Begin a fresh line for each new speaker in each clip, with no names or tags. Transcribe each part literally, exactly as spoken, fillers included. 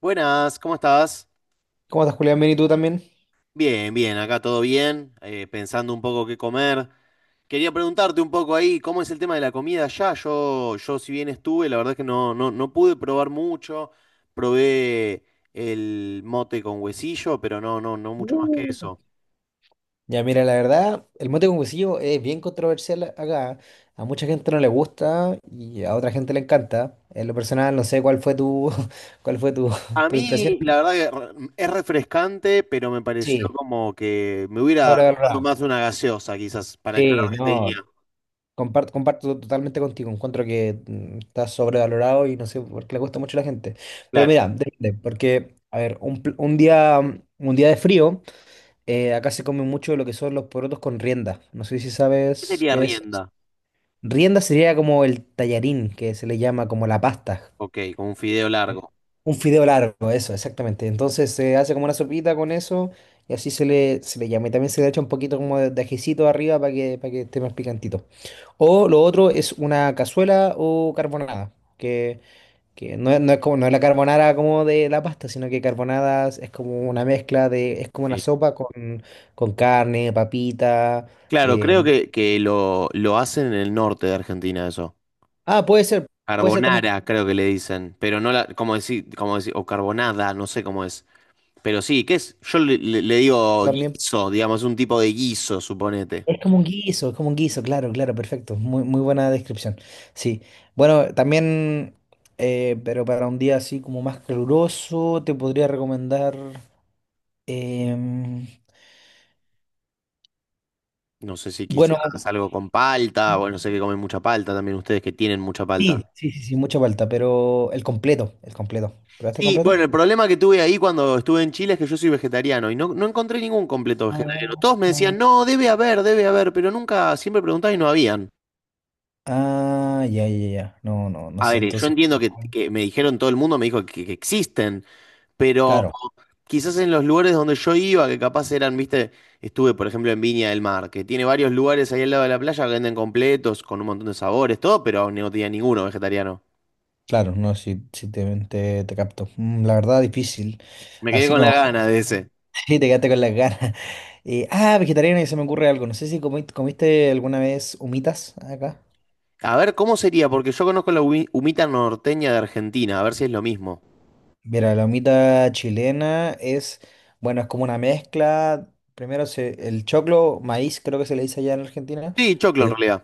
Buenas, ¿cómo estás?
¿Cómo estás, Julián? Bien, ¿y tú también?
Bien, bien, acá todo bien, eh, pensando un poco qué comer. Quería preguntarte un poco ahí, ¿cómo es el tema de la comida allá? Yo, yo si bien estuve, la verdad es que no, no, no pude probar mucho. Probé el mote con huesillo, pero no, no, no mucho más que
Uh.
eso.
Ya, mira, la verdad, el mote con huesillo es bien controversial acá. A mucha gente no le gusta y a otra gente le encanta. En lo personal, no sé cuál fue tu, cuál fue tu,
A
tu impresión.
mí, la verdad que re- es refrescante, pero me pareció
Sí,
como que me hubiera tomado
sobrevalorado.
más una gaseosa, quizás, para el calor
Sí,
que tenía.
no, comparto, comparto totalmente contigo. Encuentro que mm, está sobrevalorado y no sé por qué le gusta mucho a la gente. Pero
Claro.
mira, depende, porque, a ver, un, pl- un día, un día de frío, eh, acá se come mucho lo que son los porotos con rienda. No sé si
¿Qué
sabes
sería
qué es.
rienda?
Rienda sería como el tallarín, que se le llama como la pasta.
Ok, con un fideo largo.
Un fideo largo, eso, exactamente. Entonces se hace como una sopita con eso y así se le, se le llama. Y también se le echa un poquito como de, de ajicito arriba para que, para que esté más picantito. O lo otro es una cazuela o carbonada, que, que no, es- no es como, no es la carbonara como de la pasta, sino que carbonada es como una mezcla de, es como una
Sí.
sopa con, con carne, papita.
Claro, creo
eh,
que, que lo, lo hacen en el norte de Argentina eso.
Ah, puede ser, puede ser también.
Carbonara, creo que le dicen, pero no la, como decir, como decir, o carbonada, no sé cómo es. Pero sí, ¿qué es? Yo le, le- le digo
También
guiso, digamos, un tipo de guiso, suponete.
es como un guiso, es como un guiso, claro, claro, perfecto. Muy, muy buena descripción. Sí. Bueno, también, eh, pero para un día así como más caluroso, te podría recomendar. em,
No sé si
bueno,
quizás algo con palta, bueno, sé que comen mucha palta también ustedes que tienen mucha palta.
sí, sí, sí, sí, mucha falta, pero el completo, el completo. ¿Probaste el
Sí, bueno,
completo?
el problema que tuve ahí cuando estuve en Chile es que yo soy vegetariano y no, no encontré ningún completo vegetariano.
Ah,
Todos me decían, no, debe haber, debe haber, pero nunca, siempre preguntaba y no había. ¿No?
ah, ya, ya, ya. No, no, no
A
sé,
ver, eh, yo
entonces.
entiendo que, que me dijeron, todo el mundo me dijo que, que existen, pero
Claro.
quizás en los lugares donde yo iba, que capaz eran, viste, estuve por ejemplo en Viña del Mar, que tiene varios lugares ahí al lado de la playa que venden completos, con un montón de sabores, todo, pero no tenía ninguno vegetariano.
Claro, no, si, si te, te, te capto. Mm, La verdad, difícil.
Me quedé
Así
con la
como...
gana de ese.
Sí, te quedaste con las ganas. Eh, ah, vegetariana y se me ocurre algo. No sé si comi- comiste alguna vez humitas acá.
A ver, ¿cómo sería? Porque yo conozco la humi- humita norteña de Argentina, a ver si es lo mismo.
Mira, la humita chilena es, bueno, es como una mezcla. Primero se, el choclo, maíz, creo que se le dice allá en Argentina.
Sí, choclo en realidad.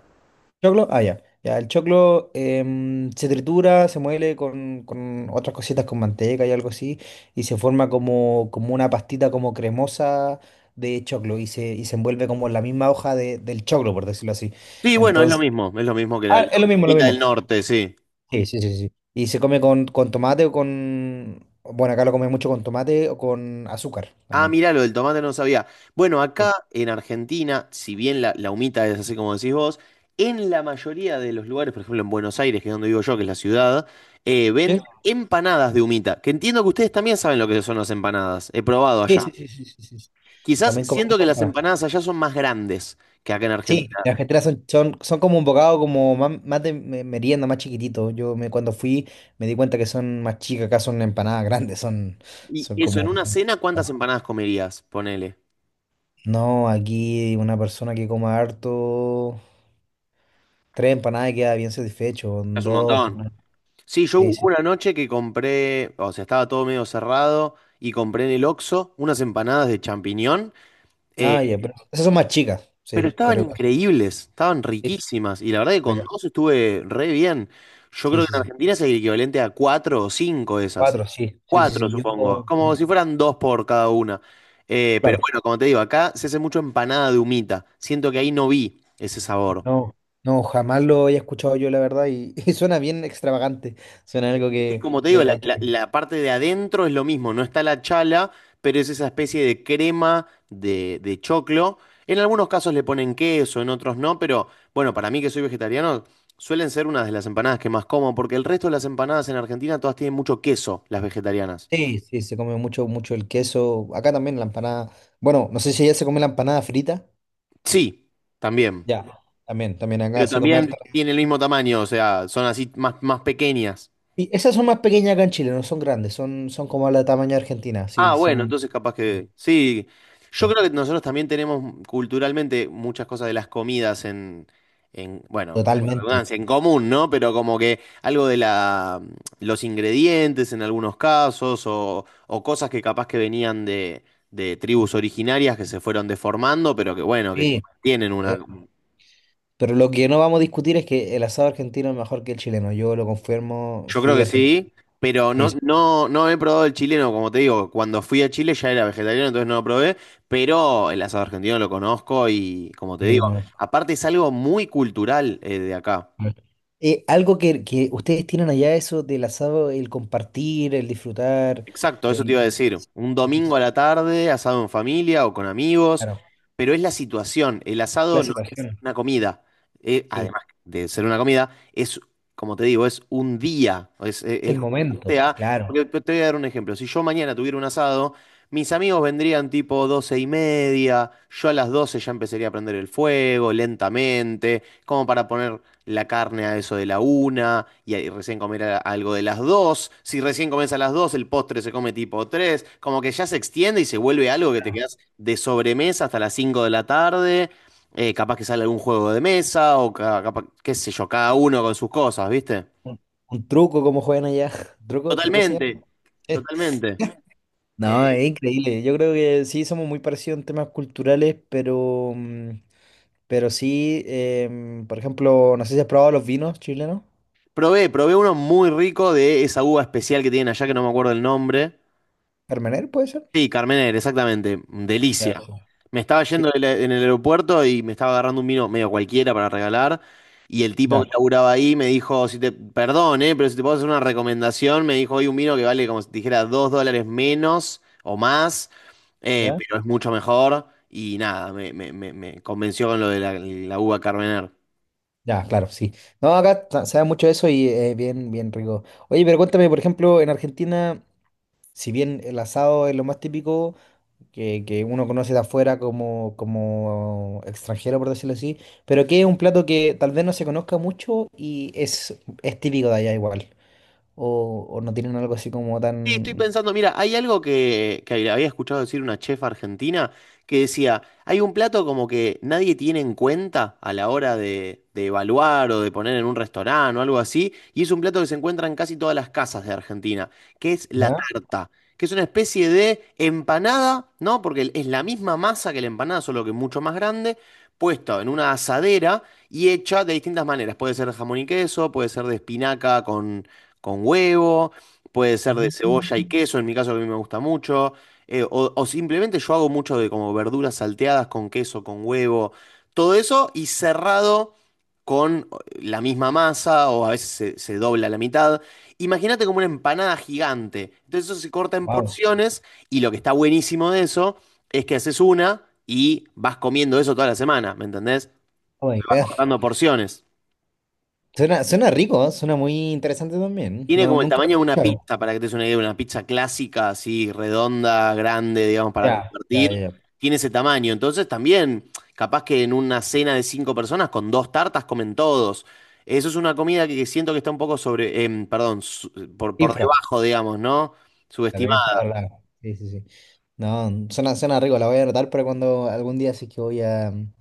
Choclo, ah, ya. Ya, el choclo, em, se tritura, se muele con, con otras cositas, con manteca y algo así, y se forma como, como una pastita como cremosa de choclo y se, y se envuelve como en la misma hoja de- del choclo, por decirlo así.
Sí, bueno, es lo
Entonces,
mismo, es lo mismo que la,
ah,
la
es lo mismo, lo
humita
mismo.
del norte, sí.
Sí, sí, sí, sí. Y se come con, con tomate o con, bueno, acá lo comen mucho con tomate o con azúcar
Ah,
también.
mirá, lo del tomate no lo sabía. Bueno, acá
Sí,
en Argentina, si bien la, la humita es así como decís vos, en la mayoría de los lugares, por ejemplo en Buenos Aires, que es donde vivo yo, que es la ciudad, eh, venden empanadas de humita, que entiendo que ustedes también saben lo que son las empanadas. He probado allá.
sí, sí, sí, sí, sí, sí, sí.
Quizás
También
siento que las
comemos.
empanadas allá son más grandes que acá en
Sí,
Argentina.
las cajeteras son, son, son como un bocado como más, más de me- merienda, más chiquitito. Yo me, cuando fui me di cuenta que son más chicas, acá son empanadas grandes, son,
Y
son
eso, en
como...
una cena, ¿cuántas empanadas comerías? Ponele.
No, aquí una persona que coma harto, tres empanadas y queda bien satisfecho,
Es un
dos
montón.
empanadas.
Sí, yo
Sí,
hubo
sí.
una noche que compré, o sea, estaba todo medio cerrado y compré en el Oxxo unas empanadas de champiñón. Eh,
Ah, ya, pero esas son más chicas,
pero
sí,
estaban
pero igual.
increíbles, estaban
Sí,
riquísimas. Y la verdad que con
rica.
dos estuve re bien. Yo
Sí,
creo
sí,
que en
sí.
Argentina es el equivalente a cuatro o cinco de esas.
Cuatro, sí, sí, sí,
Cuatro,
sí.
supongo.
Yo,
Como si fueran dos por cada una. Eh, pero bueno,
claro.
como te digo, acá se hace mucho empanada de humita. Siento que ahí no vi ese sabor.
No, no, jamás lo había escuchado yo, la verdad, y y suena bien extravagante. Suena algo
Y
que,
como te digo,
que
la,
hay que...
la- la parte de adentro es lo mismo, no está la chala, pero es esa especie de crema de, de choclo. En algunos casos le ponen queso, en otros no, pero bueno, para mí que soy vegetariano, suelen ser una de las empanadas que más como, porque el resto de las empanadas en Argentina todas tienen mucho queso, las vegetarianas.
Sí, sí, se come mucho, mucho el queso. Acá también la empanada. Bueno, no sé si allá se come la empanada frita.
Sí, también.
Ya, también, también acá
Pero
se come harta.
también tienen el mismo tamaño, o sea, son así más, más pequeñas.
Y esas son más pequeñas acá en Chile, no son grandes, son, son como la tamaño de Argentina, sí,
Ah, bueno,
son
entonces capaz que sí. Yo
eh,
creo que nosotros también tenemos culturalmente muchas cosas de las comidas en, en, bueno,
totalmente.
redundancia, en común, ¿no? Pero como que algo de la, los ingredientes en algunos casos o, o cosas que capaz que venían de, de tribus originarias que se fueron deformando, pero que bueno, que
Sí.
tienen una.
eh, Pero lo que no vamos a discutir es que el asado argentino es mejor que el chileno. Yo lo confirmo,
Yo creo
fui
que
argentino.
sí, pero
Sí,
no,
sí,
no, no he probado el chileno, como te digo, cuando fui a Chile ya era vegetariano, entonces no lo probé, pero el asado argentino lo conozco y, como te
sí,
digo,
no.
aparte es algo muy cultural, eh, de acá.
Mm. Eh, algo que, que ustedes tienen allá, eso del asado, el compartir, el disfrutar,
Exacto, eso te
el...
iba a decir.
Sí,
Un
sí,
domingo
sí,
a la tarde, asado en familia o con amigos,
claro,
pero es la situación. El
la
asado no es
situación,
una comida. Eh,
sí,
además de ser una comida, es, como te digo, es un día. Es, es-
es
es
el momento,
juntarte a.
claro,
Porque te te voy a dar un ejemplo. Si yo mañana tuviera un asado, mis amigos vendrían tipo doce y media. Yo a las doce ya empezaría a prender el fuego lentamente, como para poner la carne a eso de la una y ahí recién comer a- algo de las dos. Si recién comes a las dos, el postre se come tipo tres. Como que ya se extiende y se vuelve algo que te
claro.
quedas de sobremesa hasta las cinco de la tarde. Eh, capaz que sale algún juego de mesa o ca- capaz, qué sé yo, cada uno con sus cosas, ¿viste?
Un, un truco como juegan allá, ¿truco, truco se
Totalmente,
llama?
totalmente.
No,
Eh,
es increíble, yo creo que sí somos muy parecidos en temas culturales, pero, mm, pero sí, em, por ejemplo, no sé si has probado los vinos chilenos.
probé, probé uno muy rico de esa uva especial que tienen allá que no me acuerdo el nombre.
Carmener, ¿puede ser?
Sí, Carmener, exactamente.
Ya, sí,
Delicia. Me estaba
sí,
yendo del- en el aeropuerto y me estaba agarrando un vino medio cualquiera para regalar. Y el tipo
ya.
que laburaba ahí me dijo, si te, perdón, eh, pero si te puedo hacer una recomendación, me dijo, hay un vino que vale como si te dijera dos dólares menos o más, eh,
¿Ya?
pero es mucho mejor. Y nada, me, me- me- me convenció con lo de la, la uva Carmener.
Ya, claro, sí. No, acá ta- se da mucho eso y es bien, bien rico. Oye, pero cuéntame, por ejemplo, en Argentina, si bien el asado es lo más típico que, que uno conoce de afuera como, como extranjero, por decirlo así, pero que es un plato que tal vez no se conozca mucho y es, es típico de allá igual. O, o no tienen algo así como
Sí, estoy
tan...
pensando, mira, hay algo que, que había escuchado decir una chef argentina que decía, hay un plato como que nadie tiene en cuenta a la hora de, de evaluar o de poner en un restaurante o algo así, y es un plato que se encuentra en casi todas las casas de Argentina, que es la
¿Ya?
tarta, que es una especie de empanada, ¿no? Porque es la misma masa que la empanada, solo que mucho más grande, puesto en una asadera y hecha de distintas maneras. Puede ser de jamón y queso, puede ser de espinaca con, con huevo. Puede ser de cebolla y queso, en mi caso que a mí me gusta mucho. eh, o, o simplemente yo hago mucho de como verduras salteadas con queso, con huevo, todo eso y cerrado con la misma masa, o a veces se, se dobla la mitad. Imagínate como una empanada gigante. Entonces eso se corta en
Wow.
porciones y lo que está buenísimo de eso es que haces una y vas comiendo eso toda la semana, ¿me entendés?
Oh my God.
Cortando porciones.
Suena, suena rico, ¿eh? Suena muy interesante también.
Tiene
No,
como el
nunca lo
tamaño de
he
una
escuchado.
pizza, para que te des una idea, una pizza clásica, así, redonda, grande, digamos, para
Ya,
compartir.
ya, ya.
Tiene ese tamaño. Entonces también, capaz que en una cena de cinco personas, con dos tartas comen todos. Eso es una comida que siento que está un poco sobre, em, perdón, su- por, por
Infra.
debajo, digamos, ¿no?
La Ninfa de Orlando. Sí, sí, sí. No, suena, suena rico, la voy a anotar para cuando algún día sí que voy a mm,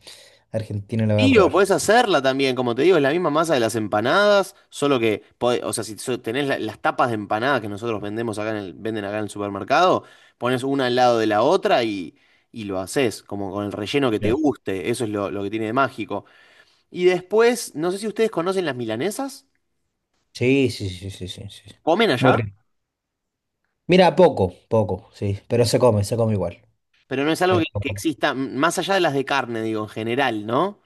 Argentina la voy a
Sí, o
probar.
podés hacerla también, como te digo, es la misma masa de las empanadas, solo que, pode- o sea, si so- tenés la- las tapas de empanadas que nosotros vendemos acá en el, venden acá en el supermercado, pones una al lado de la otra y, y lo haces, como con el relleno que te
Ya.
guste, eso es lo, lo que tiene de mágico. Y después, no sé si ustedes conocen las milanesas,
Sí, sí, sí, sí, sí, sí.
comen
Muy
allá,
rico. Mira, poco, poco, sí, pero se come, se come igual.
pero no es algo
Pero
que, que exista, m- más allá de las de carne, digo, en general, ¿no?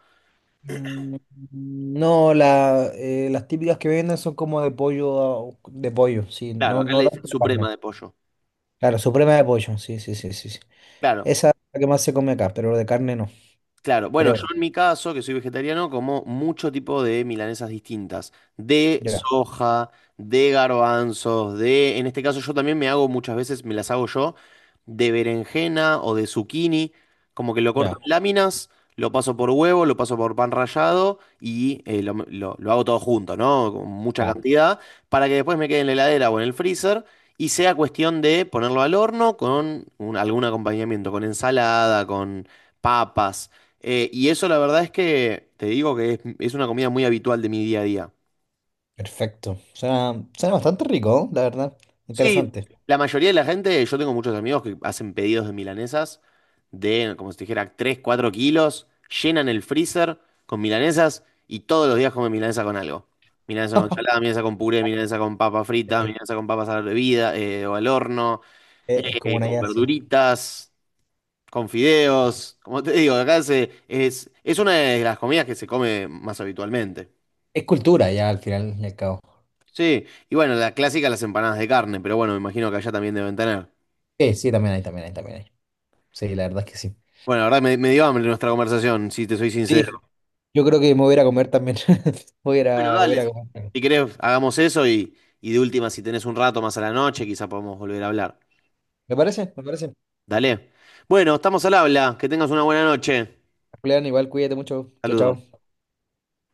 Mm, no, la, eh, las típicas que venden son como de pollo, ah, de pollo, sí,
Claro,
no,
acá le
no tanto
dicen
de
suprema
carne.
de pollo.
Claro, suprema de pollo, sí, sí, sí, sí, sí.
Claro.
Esa es la que más se come acá, pero de carne no,
Claro, bueno, yo
creo.
en mi caso, que soy vegetariano, como mucho tipo de milanesas distintas, de
Ya,
soja, de garbanzos, de, en este caso yo también me hago muchas veces, me las hago yo, de berenjena o de zucchini, como que lo corto
ya,
en láminas, lo paso por huevo, lo paso por pan rallado y, eh, lo, lo- lo hago todo junto, ¿no? Con mucha
ya.
cantidad, para que después me quede en la heladera o en el freezer. Y sea cuestión de ponerlo al horno con un- algún acompañamiento, con ensalada, con papas, eh, y eso la verdad es que te digo que es, es una comida muy habitual de mi día a día.
Perfecto. Suena, suena bastante rico, ¿no? La verdad.
Sí,
Interesante.
la mayoría de la gente, yo tengo muchos amigos que hacen pedidos de milanesas de, como si te dijera, tres cuatro kilos, llenan el freezer con milanesas y todos los días comen milanesa con algo. Milanesa con ensalada, milanesa con puré, milanesa con papa frita,
Sí,
milanesa con papas a la bebida, eh, o al horno,
Es, es como
eh,
una
con
idea así.
verduritas, con fideos. Como te digo, acá se- es, es una de las comidas que se come más habitualmente.
Es cultura ya al final y al cabo.
Sí, y bueno, la clásica, las empanadas de carne, pero bueno, me imagino que allá también deben tener.
Sí, sí, también hay, también hay, también hay. Sí, la verdad es que sí.
Bueno, la verdad me, me dio hambre nuestra conversación, si te soy sincero.
Sí, yo creo que me voy a ir a comer también. Voy a ir
Bueno,
a, voy a
dale.
ir a
Si
comer.
si querés, hagamos eso y, y de última, si tenés un rato más a la noche, quizá podemos volver a hablar.
¿Me parece? ¿Me parece?
Dale. Bueno, estamos al habla. Que tengas una buena noche.
Julián, igual cuídate mucho. Chao,
Saludos.
chao.